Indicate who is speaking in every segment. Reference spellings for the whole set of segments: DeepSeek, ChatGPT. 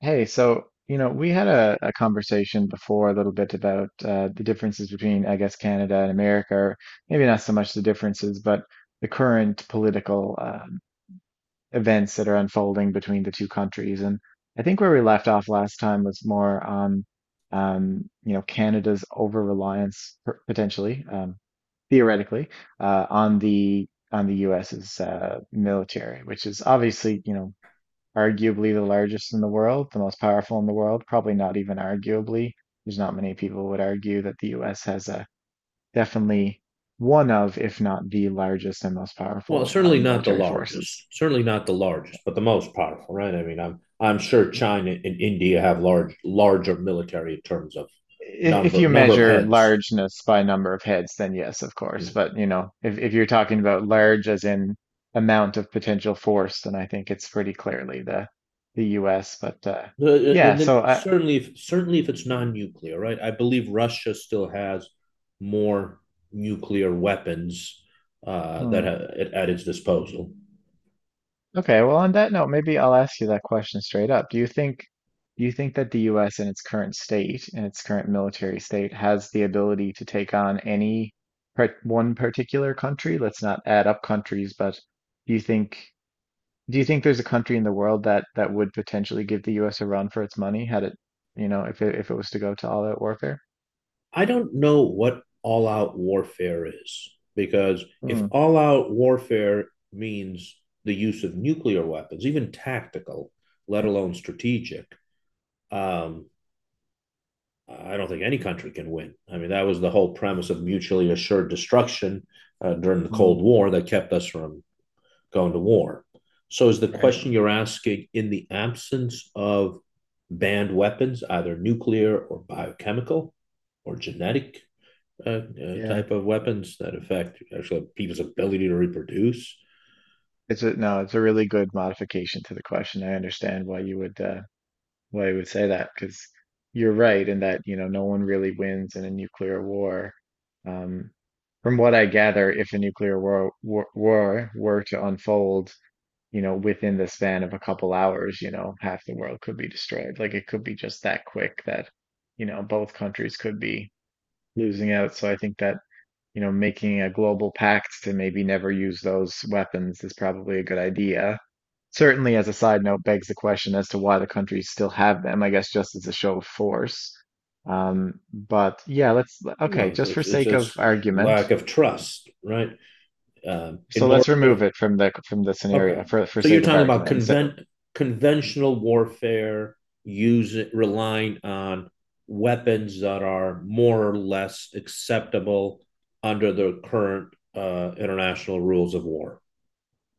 Speaker 1: Hey, so you know, we had a conversation before a little bit about the differences between, I guess, Canada and America, or maybe not so much the differences, but the current political events that are unfolding between the two countries. And I think where we left off last time was more on, you know, Canada's over-reliance potentially, theoretically, uh, on the on the US's military, which is obviously, you know, arguably the largest in the world, the most powerful in the world, probably not even arguably. There's not many people would argue that the US has a definitely one of, if not the largest and most
Speaker 2: Well,
Speaker 1: powerful
Speaker 2: certainly not the
Speaker 1: military
Speaker 2: largest,
Speaker 1: forces.
Speaker 2: certainly not the largest, but the most powerful, right? I mean, I'm sure China and India have larger military in terms of
Speaker 1: If
Speaker 2: number
Speaker 1: you
Speaker 2: number of
Speaker 1: measure
Speaker 2: heads.
Speaker 1: largeness by number of heads, then yes, of
Speaker 2: Uh,
Speaker 1: course. But you know, if you're talking about large as in amount of potential force, then I think it's pretty clearly the US. But yeah,
Speaker 2: And then
Speaker 1: so I,
Speaker 2: certainly if it's non-nuclear, right? I believe Russia still has more nuclear weapons
Speaker 1: hmm.
Speaker 2: at its disposal.
Speaker 1: Okay, well, on that note, maybe I'll ask you that question straight up. Do you think that the US in its current state, in its current military state, has the ability to take on any one particular country? Let's not add up countries, but do you think do you think there's a country in the world that that would potentially give the US a run for its money had it, you know, if it was to go to all-out warfare?
Speaker 2: I don't know what all out warfare is because if
Speaker 1: Hmm,
Speaker 2: all out warfare means the use of nuclear weapons, even tactical, let alone strategic, um, I don't think any country can win. I mean, that was the whole premise of mutually assured destruction during the
Speaker 1: hmm,
Speaker 2: Cold War that kept us from going to war. So, is the
Speaker 1: right.
Speaker 2: question you're asking in the absence of banned weapons, either nuclear or biochemical or genetic
Speaker 1: Yeah.
Speaker 2: type of weapons that affect actually people's ability to reproduce.
Speaker 1: It's a no, it's a really good modification to the question. I understand why you would why we would say that because you're right in that you know no one really wins in a nuclear war. Um, from what I gather, if a nuclear war were to unfold, you know, within the span of a couple hours, you know, half the world could be destroyed. Like it could be just that quick that, you know, both countries could be losing out. So I think that, you know, making a global pact to maybe never use those weapons is probably a good idea. Certainly, as a side note, begs the question as to why the countries still have them, I guess just as a show of force. But yeah, let's okay,
Speaker 2: Well,
Speaker 1: just for
Speaker 2: it's, it's
Speaker 1: sake of
Speaker 2: it's
Speaker 1: argument.
Speaker 2: lack of trust, right? In
Speaker 1: So let's
Speaker 2: order
Speaker 1: remove
Speaker 2: to
Speaker 1: it from the
Speaker 2: okay,
Speaker 1: scenario for
Speaker 2: so you're
Speaker 1: sake of
Speaker 2: talking about
Speaker 1: argument. So,
Speaker 2: conventional warfare using relying on weapons that are more or less acceptable under the current international rules of war.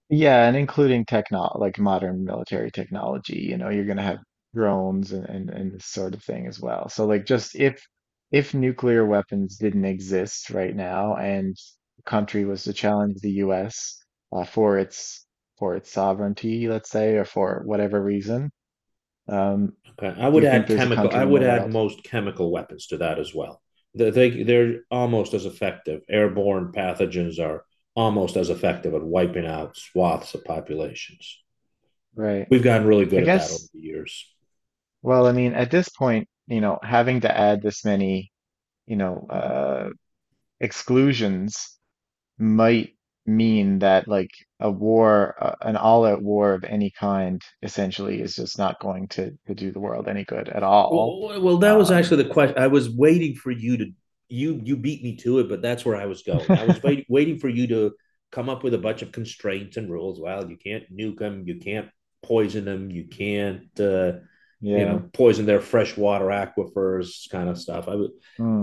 Speaker 1: yeah, and including techno like modern military technology, you know, you're gonna have drones and this sort of thing as well. So like just if nuclear weapons didn't exist right now and the country was to challenge the US uh, for its for its sovereignty, let's say, or for whatever reason, um,
Speaker 2: Okay. I
Speaker 1: do
Speaker 2: would
Speaker 1: you think
Speaker 2: add
Speaker 1: there's a
Speaker 2: chemical. I
Speaker 1: country in
Speaker 2: would
Speaker 1: the
Speaker 2: add
Speaker 1: world?
Speaker 2: most chemical weapons to that as well. They're almost as effective. Airborne pathogens are almost as effective at wiping out swaths of populations.
Speaker 1: Right.
Speaker 2: We've gotten really good
Speaker 1: I
Speaker 2: at that over
Speaker 1: guess,
Speaker 2: the years.
Speaker 1: well, I mean, at this point, you know, having to add this many, you know, exclusions might mean that like a war, an all-out war of any kind, essentially is just not going to do the world any good at all.
Speaker 2: Well, that was
Speaker 1: Um,
Speaker 2: actually the question. I was waiting for you to you you beat me to it, but that's where I was going. I was waiting for you to come up with a bunch of constraints and rules. Well, you can't nuke them, you can't poison them, you can't you
Speaker 1: yeah.
Speaker 2: know poison their freshwater aquifers, kind of stuff. I was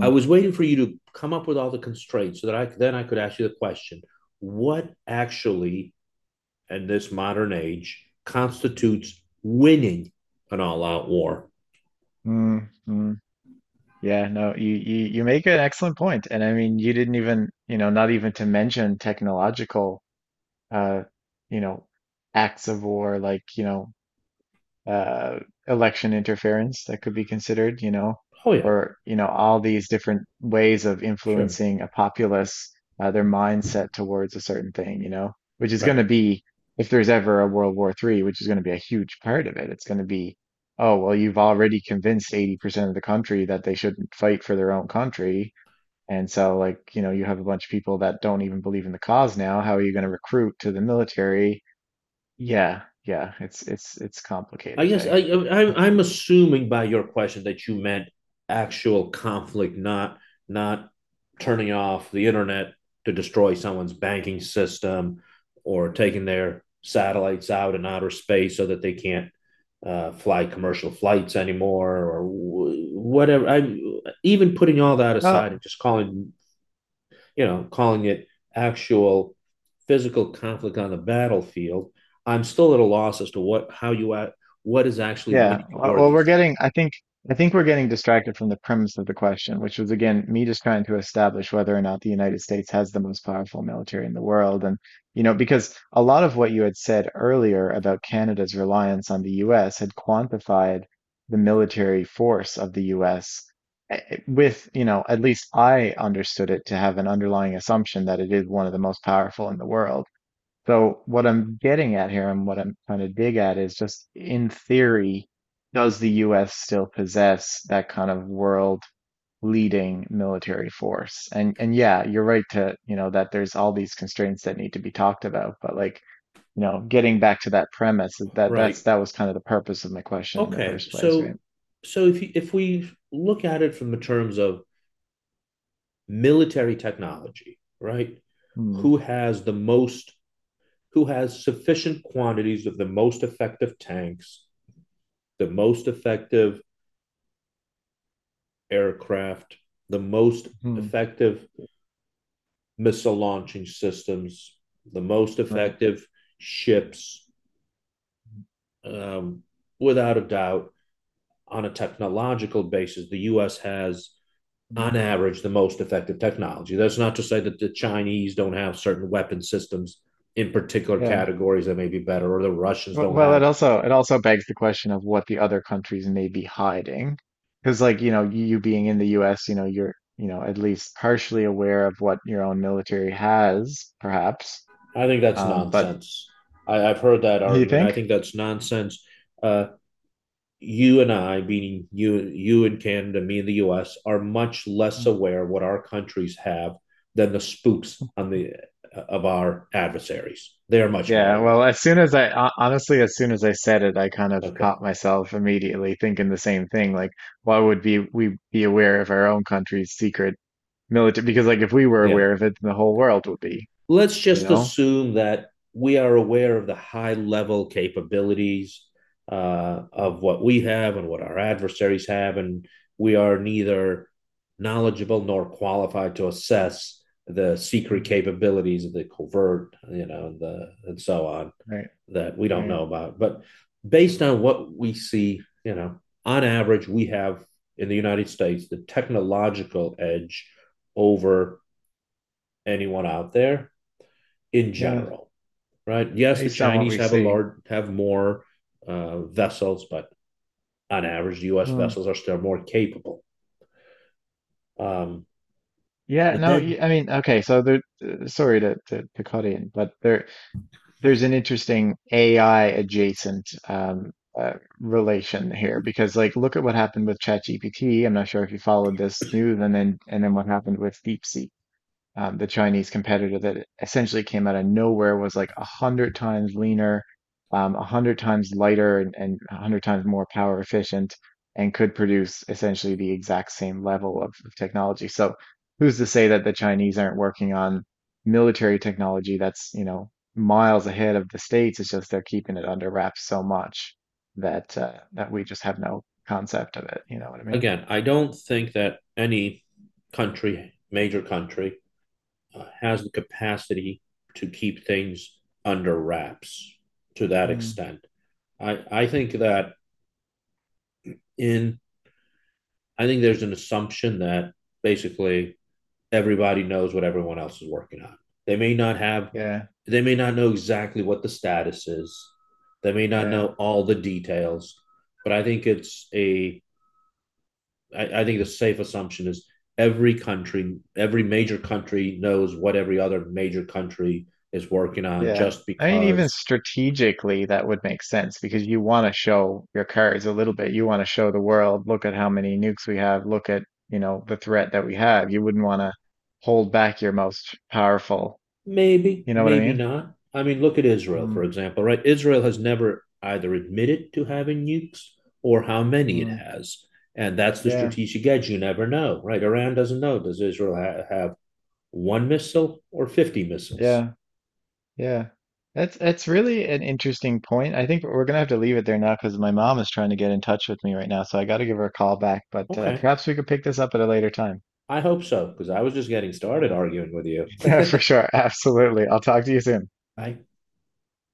Speaker 2: waiting for you to come up with all the constraints so that I could ask you the question: what actually, in this modern age, constitutes winning an all-out war?
Speaker 1: mm, mm. Yeah, no, you make an excellent point. And I mean, you didn't even, you know, not even to mention technological, uh, you know, acts of war, like, you know, uh, election interference that could be considered, you know,
Speaker 2: Oh yeah.
Speaker 1: or, you know, all these different ways of
Speaker 2: Sure.
Speaker 1: influencing a populace, their mindset towards a certain thing, you know, which is going
Speaker 2: Right.
Speaker 1: to be, if there's ever a World War III, which is going to be a huge part of it, it's going to be, oh, well, you've already convinced 80% of the country that they shouldn't fight for their own country. And so, like, you know, you have a bunch of people that don't even believe in the cause now. How are you going to recruit to the military? Yeah, yeah, it's it's
Speaker 2: I
Speaker 1: complicated,
Speaker 2: guess
Speaker 1: hey.
Speaker 2: I'm assuming by your question that you meant actual conflict, not not turning off the internet to destroy someone's banking system or taking their satellites out in outer space so that they can't fly commercial flights anymore or whatever. I even putting all that aside and
Speaker 1: Oh,
Speaker 2: just calling it actual physical conflict on the battlefield, I'm still at a loss as to what how you at what is actually
Speaker 1: yeah.
Speaker 2: winning the war
Speaker 1: We're
Speaker 2: these days.
Speaker 1: getting, I think we're getting distracted from the premise of the question, which was again me just trying to establish whether or not the United States has the most powerful military in the world. And, you know, because a lot of what you had said earlier about Canada's reliance on the US had quantified the military force of the US with, you know, at least I understood it to have an underlying assumption that it is one of the most powerful in the world. So what I'm getting at here and what I'm trying to dig at is just in theory, does the US still possess that kind of world leading military force? And yeah, you're right to, you know, that there's all these constraints that need to be talked about, but like, you know, getting back to that premise, that
Speaker 2: Right.
Speaker 1: that was kind of the purpose of my question in the
Speaker 2: Okay.
Speaker 1: first place, right?
Speaker 2: So if you, if we look at it from the terms of military technology, right?
Speaker 1: Mm-hmm.
Speaker 2: Who has the most who has sufficient quantities of the most effective tanks, the most effective aircraft, the most effective missile launching systems, the most
Speaker 1: Right.
Speaker 2: effective ships, um, without a doubt. On a technological basis, the U.S. has,
Speaker 1: Mm.
Speaker 2: on average, the most effective technology. That's not to say that the Chinese don't have certain weapon systems in particular
Speaker 1: Yeah.
Speaker 2: categories that may be better, or the Russians don't
Speaker 1: Well,
Speaker 2: have.
Speaker 1: it also begs the question of what the other countries may be hiding, because like you know you being in the U.S., you know you're you know at least partially aware of what your own military has, perhaps.
Speaker 2: I think that's
Speaker 1: But
Speaker 2: nonsense. I have heard that
Speaker 1: you
Speaker 2: argument. I
Speaker 1: think?
Speaker 2: think that's nonsense. Uh, you and I, meaning you, you in Canada, me in the U.S., are much less
Speaker 1: Mm.
Speaker 2: aware what our countries have than the spooks on the of our adversaries. They are much more
Speaker 1: Yeah.
Speaker 2: aware.
Speaker 1: Well, as soon as I honestly, as soon as I said it, I kind of
Speaker 2: Okay,
Speaker 1: caught myself immediately thinking the same thing. Like, why would be we be aware of our own country's secret military? Because like if we were
Speaker 2: yeah,
Speaker 1: aware of it, then the whole world would be,
Speaker 2: let's
Speaker 1: you
Speaker 2: just
Speaker 1: know?
Speaker 2: assume that we are aware of the high level capabilities of what we have and what our adversaries have, and we are neither knowledgeable nor qualified to assess the secret
Speaker 1: Mm.
Speaker 2: capabilities of the covert, you know, the and so on
Speaker 1: Right.
Speaker 2: that we don't
Speaker 1: Right.
Speaker 2: know about. But based on what we see, you know, on average, we have in the United States the technological edge over anyone out there in
Speaker 1: Yeah.
Speaker 2: general, right? Yes, the
Speaker 1: Based on what
Speaker 2: Chinese
Speaker 1: we
Speaker 2: have a
Speaker 1: see.
Speaker 2: large have more vessels, but on average, the U.S.
Speaker 1: Hmm.
Speaker 2: vessels are still more capable. Um,
Speaker 1: Yeah,
Speaker 2: but
Speaker 1: no,
Speaker 2: then
Speaker 1: I mean, okay, so there, sorry to, to cut in, but there, there's an interesting AI adjacent uh, relation here because, like, look at what happened with ChatGPT. I'm not sure if you followed this news, and then what happened with DeepSeek. The Chinese competitor that essentially came out of nowhere, was like a hundred times leaner, a hundred times lighter, and a hundred times more power efficient, and could produce essentially the exact same level of technology. So, who's to say that the Chinese aren't working on military technology that's, you know, miles ahead of the States? It's just they're keeping it under wraps so much that that we just have no concept of it. You know what I mean?
Speaker 2: again, I don't think that any country, major country, has the capacity to keep things under wraps to that
Speaker 1: Mm.
Speaker 2: extent. I think that in I think there's an assumption that basically everybody knows what everyone else is working on. They may not have
Speaker 1: Yeah,
Speaker 2: they may not know exactly what the status is. They may not
Speaker 1: yeah.
Speaker 2: know all the details, but I think it's a. I think the safe assumption is every country, every major country knows what every other major country is working on
Speaker 1: Yeah.
Speaker 2: just
Speaker 1: I mean, even
Speaker 2: because
Speaker 1: strategically, that would make sense because you want to show your cards a little bit. You want to show the world, look at how many nukes we have, look at, you know, the threat that we have. You wouldn't want to hold back your most powerful.
Speaker 2: maybe,
Speaker 1: You know what I
Speaker 2: maybe
Speaker 1: mean?
Speaker 2: not. I mean, look at Israel, for
Speaker 1: Mm,
Speaker 2: example, right? Israel has never either admitted to having nukes or how many it
Speaker 1: mm,
Speaker 2: has. And that's the
Speaker 1: yeah,
Speaker 2: strategic edge. You never know, right? Iran doesn't know. Does Israel have one missile or 50 missiles?
Speaker 1: yeah, yeah. That's really an interesting point. I think we're gonna have to leave it there now because my mom is trying to get in touch with me right now, so I got to give her a call back. But
Speaker 2: Okay.
Speaker 1: perhaps we could pick this up at a later time.
Speaker 2: I hope so, because I was just getting started
Speaker 1: Uh,
Speaker 2: arguing with you.
Speaker 1: yeah, for sure. Absolutely. I'll talk to you soon.
Speaker 2: I